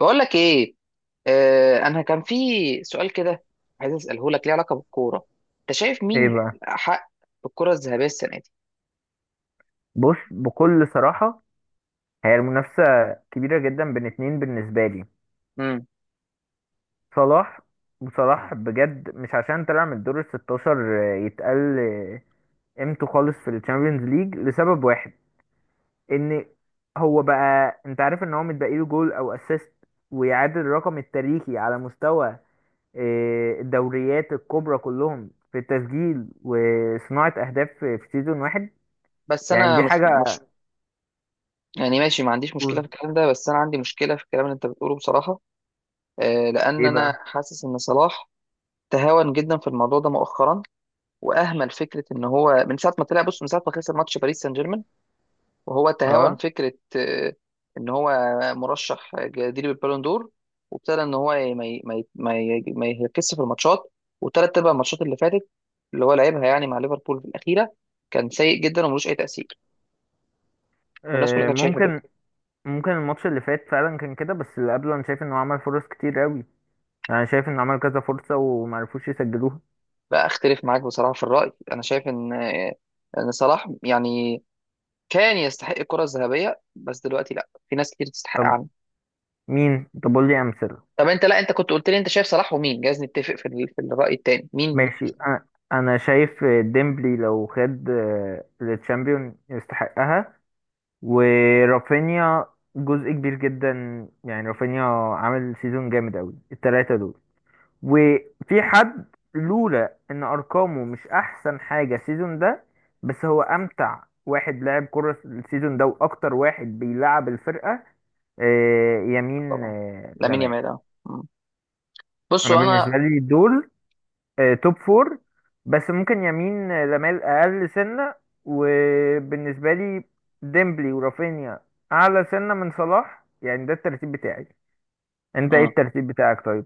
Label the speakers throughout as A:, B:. A: بقول لك ايه. انا كان في سؤال كده، عايز اساله، لك ليه علاقه بالكوره. انت شايف
B: ايه
A: مين
B: بقى؟
A: حق بالكره الذهبيه السنه دي؟
B: بص، بكل صراحة هي المنافسة كبيرة جدا بين اتنين بالنسبة لي،
A: امم
B: صلاح. وصلاح بجد مش عشان طلع من الدور ال 16 يتقل قيمته خالص في الشامبيونز ليج لسبب واحد، ان هو بقى، انت عارف ان هو متبقي له جول او اسيست ويعادل الرقم التاريخي على مستوى الدوريات الكبرى كلهم في التسجيل وصناعة اهداف في سيزون واحد.
A: بس
B: يعني
A: انا
B: دي
A: مش
B: حاجة.
A: مش يعني ماشي، ما عنديش مشكله في الكلام ده، بس انا عندي مشكله في الكلام اللي انت بتقوله بصراحه. لان
B: ايه
A: انا
B: بقى؟
A: حاسس ان صلاح تهاون جدا في الموضوع ده مؤخرا، واهمل فكره ان هو من ساعه ما طلع، بص، من ساعه ما خسر ماتش باريس سان جيرمان، وهو تهاون
B: اه.
A: فكرة إن هو مرشح جديد بالبالون دور، وابتدى إن هو ي- ما ي- ما ي- ما ي- ما يركزش في الماتشات، وتلات أرباع الماتشات اللي فاتت اللي هو لعبها يعني مع ليفربول في الأخيرة كان سيء جدا وملوش أي تأثير. والناس كلها كانت شايفة كده.
B: ممكن. ممكن الماتش اللي فات فعلا كان كده، بس اللي قبله انا شايف انه عمل فرص كتير قوي. يعني شايف انه عمل كذا فرصة ومعرفوش يسجلوها.
A: لا، أختلف معاك بصراحة في الرأي. أنا شايف إن صلاح يعني كان يستحق الكرة الذهبية، بس دلوقتي لا، في ناس كتير تستحق
B: طب
A: عنه.
B: مين؟ طب قول لي امثله.
A: طب انت، لا، انت كنت قلت لي انت شايف صلاح ومين، جايز نتفق في في الرأي التاني مين.
B: ماشي. انا شايف ديمبلي لو خد التشامبيون يستحقها. ورافينيا جزء كبير جدا، يعني رافينيا عامل سيزون جامد قوي، التلاتة دول. وفي حد، لولا ان ارقامه مش احسن حاجه السيزون ده، بس هو امتع واحد لعب كرة السيزون ده واكتر واحد بيلعب الفرقه، يمين
A: طبعا لامين
B: لمال.
A: يامال، اه.
B: انا
A: بصوا انا،
B: بالنسبه لي دول توب فور، بس ممكن يمين لمال اقل سنه. وبالنسبه لي ديمبلي ورافينيا اعلى سنه من صلاح، يعني ده الترتيب بتاعي. انت ايه
A: اه
B: الترتيب بتاعك طيب؟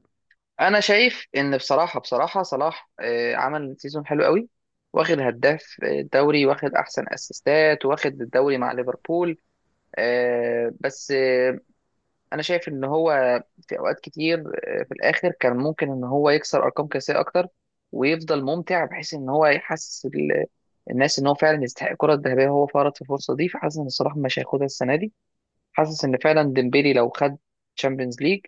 A: انا شايف ان بصراحه بصراحه صلاح عمل سيزون حلو قوي، واخد هداف الدوري، واخد احسن اسيستات، واخد الدوري مع ليفربول، بس انا شايف ان هو في اوقات كتير في الاخر كان ممكن ان هو يكسر ارقام قياسيه اكتر، ويفضل ممتع بحيث ان هو يحسس الناس ان هو فعلا يستحق الكره الذهبيه، وهو فرط في الفرصه دي. فحاسس ان صلاح مش هياخدها السنه دي. حاسس ان فعلا ديمبيلي لو خد تشامبيونز ليج،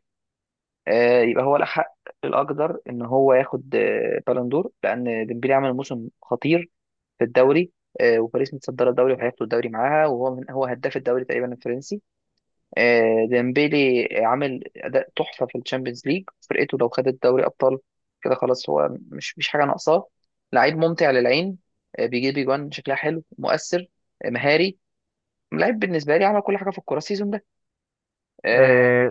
A: يبقى هو له حق، الاقدر ان هو ياخد بالون دور، لان ديمبلي عمل موسم خطير في الدوري، وباريس متصدره الدوري وهياخدوا الدوري معاها، وهو من هو هداف الدوري تقريبا الفرنسي. ديمبلي عامل اداء تحفه في الشامبيونز ليج، فرقته لو خدت دوري ابطال، كده خلاص هو مش حاجه ناقصاه. لعيب ممتع للعين، بيجيب اجوان شكلها حلو مؤثر، مهاري، لعيب بالنسبه لي عمل كل حاجه في الكوره السيزون ده آه،
B: آه،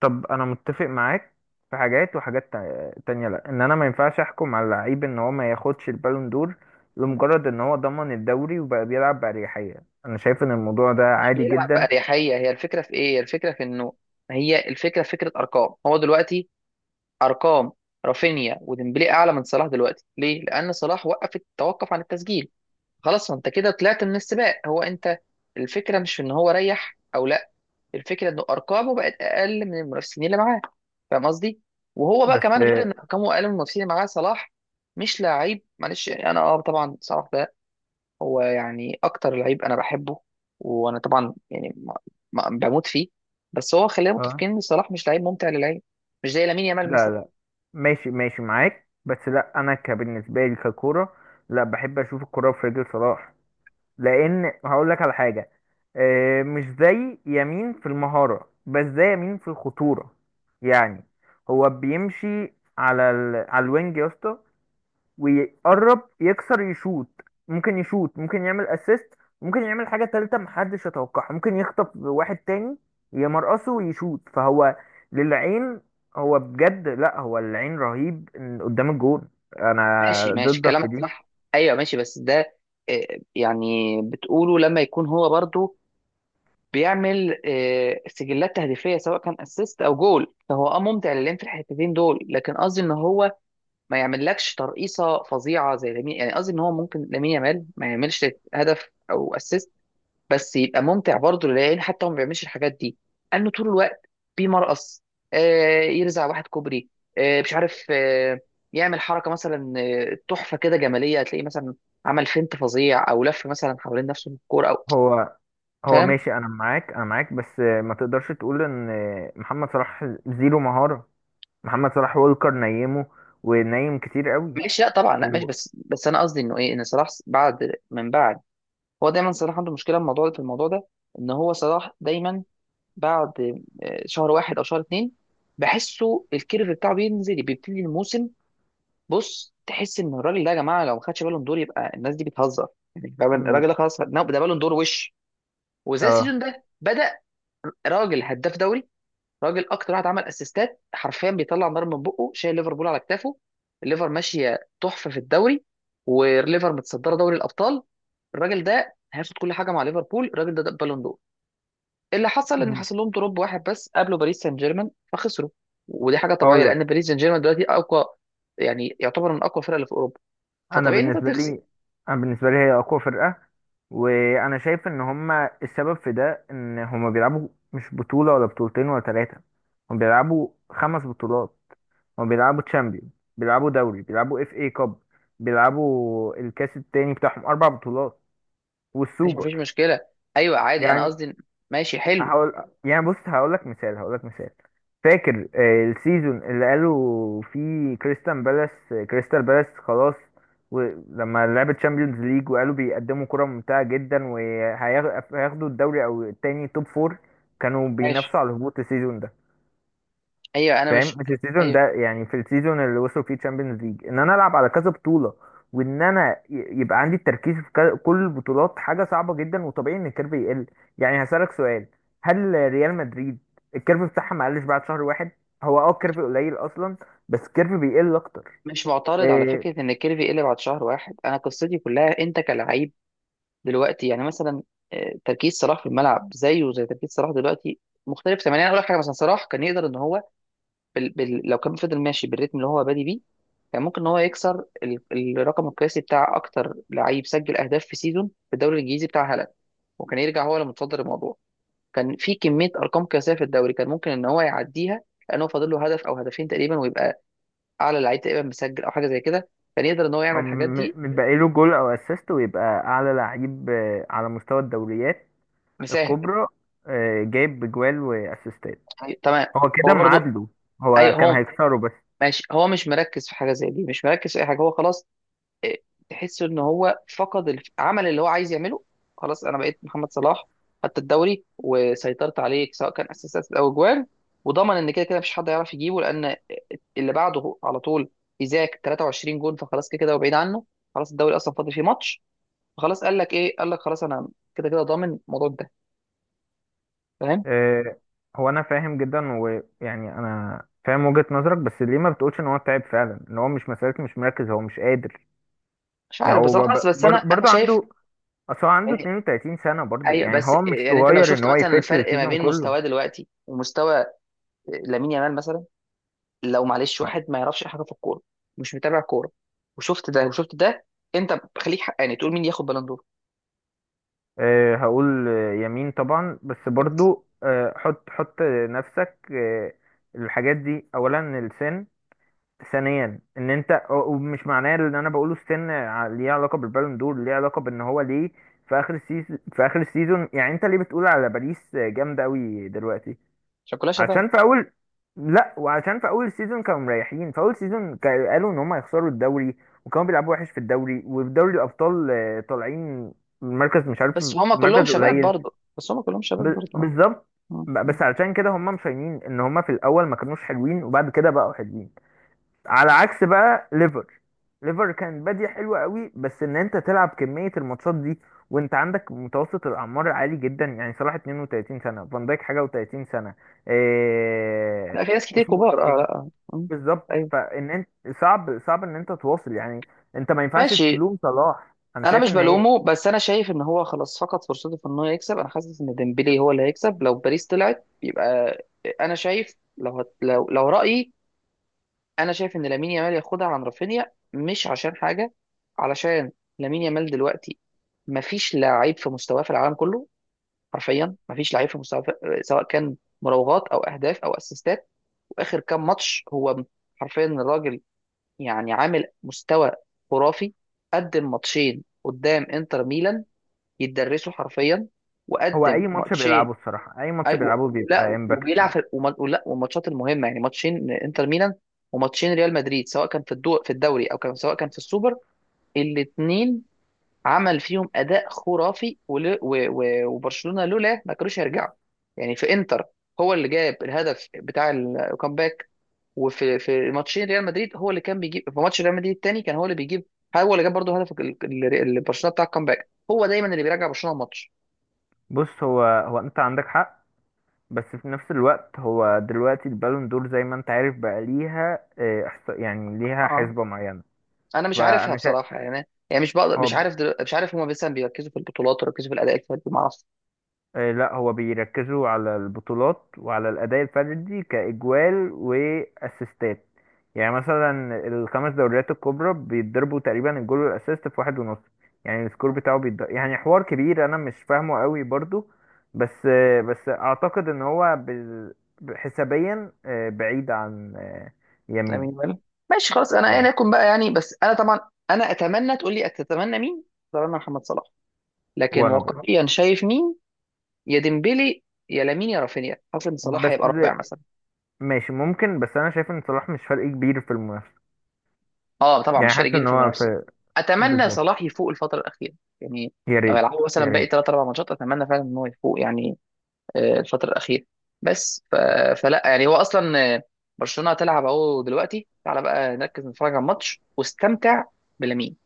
B: طب انا متفق معاك في حاجات، وحاجات تانية لا، ان انا ما ينفعش احكم على لعيب ان هو ما ياخدش البالون دور لمجرد ان هو ضمن الدوري وبقى بيلعب بأريحية. انا شايف ان الموضوع ده
A: مش
B: عادي
A: بيلعب
B: جدا.
A: بأريحية، هي الفكرة في إيه؟ الفكرة في إنه، هي الفكرة في فكرة أرقام. هو دلوقتي، أرقام رافينيا وديمبلي أعلى من صلاح دلوقتي. ليه؟ لأن صلاح وقف، توقف عن التسجيل. خلاص ما أنت كده طلعت من السباق هو أنت. الفكرة مش في إن هو ريح أو لأ، الفكرة إنه أرقامه بقت أقل من المنافسين اللي معاه. فاهم قصدي؟ وهو بقى
B: بس
A: كمان، غير إن أرقامه أقل من المنافسين اللي معاه صلاح مش لعيب، معلش، يعني أنا طبعا صلاح هو يعني اكتر لعيب انا بحبه، وانا طبعا يعني بموت فيه. بس هو، خلينا
B: اه.
A: متفقين ان صلاح مش لعيب ممتع للعين، مش زي لامين يامال
B: لا
A: مثلا.
B: لا، ماشي ماشي معاك، بس لا انا كبالنسبة لي ككورة، لا بحب اشوف الكورة في رجل صلاح. لان هقول لك على حاجه، مش زي يمين في المهاره، بس زي يمين في الخطوره. يعني هو بيمشي على على الوينج يا اسطى، ويقرب يكسر يشوت. ممكن يشوت، ممكن يعمل اسيست، ممكن يعمل حاجه تالته محدش يتوقعها، ممكن يخطف واحد تاني يمرقصه ويشوت. فهو للعين، هو بجد، لا هو العين رهيب قدام الجون. انا
A: ماشي، ماشي،
B: ضدك في
A: كلامك
B: دي.
A: صح. ايوه ماشي، بس ده يعني بتقوله لما يكون هو برضو بيعمل سجلات تهديفيه سواء كان اسيست او جول، فهو ممتع للعين في الحتتين دول، لكن قصدي ان هو ما يعملكش ترقيصه فظيعه زي لامين. يعني قصدي ان هو ممكن لامين يامال ما يعملش هدف او اسيست، بس يبقى ممتع برضه للعيال حتى هو ما بيعملش الحاجات دي، انه طول الوقت بيمرقص، يرزع واحد كوبري، مش عارف، يعمل حركه مثلا، تحفه كده جماليه، هتلاقيه مثلا عمل فينت فظيع، او لف مثلا حوالين نفسه بالكوره او،
B: هو هو
A: فاهم؟
B: ماشي، انا معاك انا معاك، بس ما تقدرش تقول ان محمد صلاح زيرو مهارة. محمد صلاح وولكر نيمه، ونيم كتير قوي.
A: ماشي. لا طبعا، لا ماشي،
B: هو.
A: بس بس انا قصدي انه ايه، ان صلاح بعد من بعد، هو دايما صلاح عنده مشكله في الموضوع ده، في الموضوع ده، ان هو صلاح دايما بعد شهر واحد او شهر اتنين، بحسه الكيرف بتاعه بينزل بيبتدي الموسم. بص تحس ان الراجل ده يا جماعه لو ما خدش بالون دور يبقى الناس دي بتهزر. يعني فاهم؟
B: مم،
A: الراجل ده خلاص، لا، ده بالون دور وش. وزي
B: اه.
A: السيزون ده بدا، راجل هداف دوري، راجل اكتر واحد عمل اسيستات، حرفيا بيطلع نار من بقه، شايل ليفربول على كتافه، الليفر ماشيه تحفه في الدوري، والليفر متصدره دوري الابطال. الراجل ده هياخد كل حاجه مع ليفربول. الراجل ده، ده بالون دور. اللي حصل ان
B: مم.
A: حصل لهم دروب واحد بس قابله باريس سان جيرمان فخسروا، ودي حاجه طبيعيه
B: اقول
A: لان
B: لك.
A: باريس سان جيرمان دلوقتي اقوى، يعني يعتبر من اقوى الفرق اللي في اوروبا،
B: انا
A: فطبيعي ان انت
B: بالنسبة
A: تخسر.
B: لي، انا بالنسبة لي هي اقوى فرقة، وانا شايف ان هما السبب في ده ان هما بيلعبوا مش بطولة ولا بطولتين ولا ثلاثة. هما بيلعبوا خمس بطولات. هما بيلعبوا تشامبيون، بيلعبوا دوري، بيلعبوا اف اي كاب، بيلعبوا الكاس التاني بتاعهم، اربع بطولات
A: ماشي، مفيش
B: والسوبر.
A: مشكله. ايوه عادي، انا
B: يعني
A: قصدي. ماشي حلو.
B: هقول يعني بص، هقول لك مثال، هقول لك مثال. فاكر السيزون اللي قالوا فيه كريستال بالاس؟ كريستال بالاس خلاص، ولما لعبت تشامبيونز ليج وقالوا بيقدموا كرة ممتعة جدا وهياخدوا الدوري او التاني توب فور، كانوا
A: ماشي.
B: بينافسوا على الهبوط السيزون ده.
A: ايوه انا مش
B: فاهم؟ مش السيزون ده،
A: ايوه
B: يعني في السيزون اللي وصلوا فيه تشامبيونز ليج، ان انا العب على كذا بطوله وان انا يبقى عندي التركيز في كل البطولات حاجه صعبه جدا، وطبيعي ان الكيرف يقل. يعني هسالك سؤال، هل ريال مدريد الكيرف بتاعها ما قلش بعد شهر واحد؟ هو اه الكيرف قليل اصلا، بس الكيرف بيقل اكتر.
A: مش معترض على
B: إيه
A: فكره ان الكيرفي يقلب بعد شهر واحد. انا قصتي كلها انت كلاعب دلوقتي، يعني مثلا تركيز صلاح في الملعب زيه زي تركيز صلاح دلوقتي مختلف تماما. يعني اقول لك حاجه، مثلا صلاح كان يقدر ان هو لو كان فضل ماشي بالريتم اللي هو بادي بيه، كان ممكن ان هو يكسر الرقم القياسي بتاع اكتر لعيب سجل اهداف في سيزون في الدوري الانجليزي بتاع هالاند، وكان يرجع هو اللي متصدر الموضوع. كان في كميه ارقام قياسيه في الدوري كان ممكن ان هو يعديها، لانه فاضل له هدف او هدفين تقريبا، ويبقى اعلى لعيب تقريبا مسجل او حاجه زي كده. كان يقدر ان هو يعمل الحاجات دي،
B: بقى له جول او اسيست ويبقى اعلى لعيب على مستوى الدوريات
A: مساهل.
B: الكبرى، جايب بجوال واسيستات.
A: يعني تمام،
B: هو كده
A: هو برضو،
B: معادله.
A: اي
B: هو كان
A: هو
B: هيكسره بس.
A: ماشي، هو مش مركز في حاجه زي دي، مش مركز في اي حاجه، هو خلاص، إيه، تحس ان هو فقد عمل اللي هو عايز يعمله. خلاص انا بقيت محمد صلاح، خدت الدوري وسيطرت عليك سواء كان اساسات او اجوال، وضمن ان كده كده مفيش حد يعرف يجيبه، لان اللي بعده على طول ايزاك 23 جون، فخلاص كده كده هو بعيد عنه. خلاص الدوري اصلا فاضل فيه ماتش، فخلاص قال لك ايه، قال لك خلاص انا كده كده ضامن الموضوع ده، فاهم؟
B: آه، هو انا فاهم جدا، ويعني انا فاهم وجهة نظرك، بس ليه ما بتقولش ان هو تعب فعلا؟ ان هو مش مسألة مش مركز، هو مش قادر.
A: مش
B: يعني
A: عارف
B: هو
A: بصراحه، بس بس انا انا
B: برضه
A: شايف
B: عنده، اصل هو عنده
A: يعني.
B: 32 سنة برضه،
A: ايوه،
B: يعني
A: بس
B: هو مش
A: يعني انت لو
B: صغير ان
A: شفت
B: هو
A: مثلا
B: يفت
A: الفرق ما
B: السيزون
A: بين
B: كله.
A: مستواه دلوقتي ومستوى لامين يامال مثلا، لو معلش واحد ما يعرفش أي حاجه في الكوره، مش متابع كوره، وشفت ده وشفت ده، انت خليك حقاني تقول مين ياخد بالون دور.
B: هقول يمين طبعا، بس
A: بس
B: برضه حط حط نفسك الحاجات دي. اولا السن، ثانيا ان انت ومش معناه ان انا بقوله استنى ليه علاقه بالبالون دور، ليه علاقه بان هو ليه في اخر السيزون، في اخر السيزون. يعني انت ليه بتقول على باريس جامده قوي دلوقتي؟
A: عشان كلها شباب،
B: عشان في اول. لا، وعشان في اول سيزون كانوا مريحين، في اول سيزون قالوا ان هم هيخسروا الدوري وكانوا بيلعبوا وحش في الدوري، وفي دوري الابطال طالعين المركز مش عارف.
A: بس هما كلهم
B: المركز
A: شباب
B: قليل.
A: برضه، بس هما كلهم شباب برضه. آه.
B: بالظبط.
A: آه.
B: بس علشان كده هم مشينين ان هم في الاول ما كانوش حلوين وبعد كده بقوا حلوين. على عكس بقى ليفر. ليفر كان بادية حلوة قوي، بس ان انت تلعب كمية الماتشات دي وانت عندك متوسط الاعمار عالي جدا، يعني صلاح 32 سنة، فان دايك حاجة و30 سنة، إيه...
A: لا، في ناس كتير
B: اسمه ايه
A: كبار، اه،
B: التاني؟
A: لا، آه.
B: بالظبط،
A: ايوه
B: فان انت صعب، صعب ان انت تواصل. يعني انت ما ينفعش
A: ماشي.
B: تلوم صلاح، انا
A: انا
B: شايف
A: مش
B: ان هي.
A: بلومه، بس انا شايف ان هو خلاص فقد فرصته في ان هو يكسب. انا حاسس ان ديمبلي هو اللي هيكسب لو باريس طلعت يبقى، انا شايف لو لو رايي، انا شايف ان لامين يامال ياخدها عن رافينيا، مش عشان حاجه، علشان لامين يامال دلوقتي مفيش لعيب في مستواه في العالم كله، حرفيا مفيش لعيب في مستواه في، سواء كان مراوغات او اهداف او اسيستات. واخر كام ماتش هو، حرفيا الراجل يعني عامل مستوى خرافي، قدم ماتشين قدام انتر ميلان يتدرسوا حرفيا،
B: هو
A: وقدم
B: اي ماتش
A: ماتشين،
B: بيلعبه الصراحة، اي ماتش
A: أي... و...
B: بيلعبه بيبقى
A: لا،
B: امباكت فيه.
A: لا، والماتشات المهمه يعني ماتشين انتر ميلان وماتشين ريال مدريد، سواء كان في الدوري، او كان سواء كان في السوبر، الاثنين عمل فيهم اداء خرافي، وبرشلونه لولا ما كانوش هيرجعوا، يعني في انتر هو اللي جاب الهدف بتاع الكامباك، وفي ماتشين ريال مدريد هو اللي كان بيجيب، في ماتش ريال مدريد الثاني كان هو اللي بيجيب، هو اللي جاب برضه هدف برشلونه بتاع الكامباك، هو دايما اللي بيرجع برشلونه الماتش.
B: بص، هو انت عندك حق، بس في نفس الوقت هو دلوقتي البالون دور زي ما انت عارف بقى ليها يعني ليها
A: اه،
B: حسبة معينة.
A: انا مش عارفها
B: فانا شا...
A: بصراحه، يعني مش بقدر،
B: هو
A: مش
B: ب-
A: عارف مش عارف هما مثلا بيركزوا في البطولات ويركزوا في الاداء الفردي، ما اعرفش.
B: لا هو بيركزوا على البطولات وعلى الأداء الفردي كإجوال وأسيستات. يعني مثلا الخمس دوريات الكبرى بيتضربوا تقريبا، الجول والأسيست في واحد ونص، يعني السكور بتاعه بيتضرب. يعني حوار كبير أنا مش فاهمه قوي برضو، بس بس أعتقد إن هو حسابيا بعيد عن
A: لامين
B: يمين.
A: يامال. ماشي خلاص، انا ايا يكن بقى يعني، بس انا طبعا، انا اتمنى، تقول لي اتتمنى مين؟ اتمنى محمد صلاح، لكن
B: وانا برضه.
A: واقعيا شايف مين؟ يا ديمبلي، يا لامين، يا رافينيا. حاسس ان صلاح
B: بس
A: هيبقى رابع مثلا.
B: ماشي ممكن، بس انا شايف ان صلاح مش فرق كبير في المنافسه.
A: اه طبعا
B: يعني
A: مش فارق
B: حاسس
A: جيل
B: ان
A: في
B: هو
A: المنافسه.
B: في.
A: اتمنى
B: بالظبط.
A: صلاح يفوق الفتره الاخيره، يعني
B: يا
A: لو
B: ريت.
A: يلعبوا مثلا
B: يا
A: باقي
B: ريت.
A: ثلاث اربع ماتشات اتمنى فعلا ان هو يفوق، يعني الفتره الاخيره. بس فلا يعني هو اصلا برشلونه هتلعب اهو دلوقتي، تعالى بقى نركز نتفرج على الماتش واستمتع بلامين.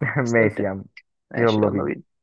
B: ماشي
A: استمتع.
B: يا عم.
A: ماشي،
B: يلا
A: يلا
B: بينا.
A: بينا.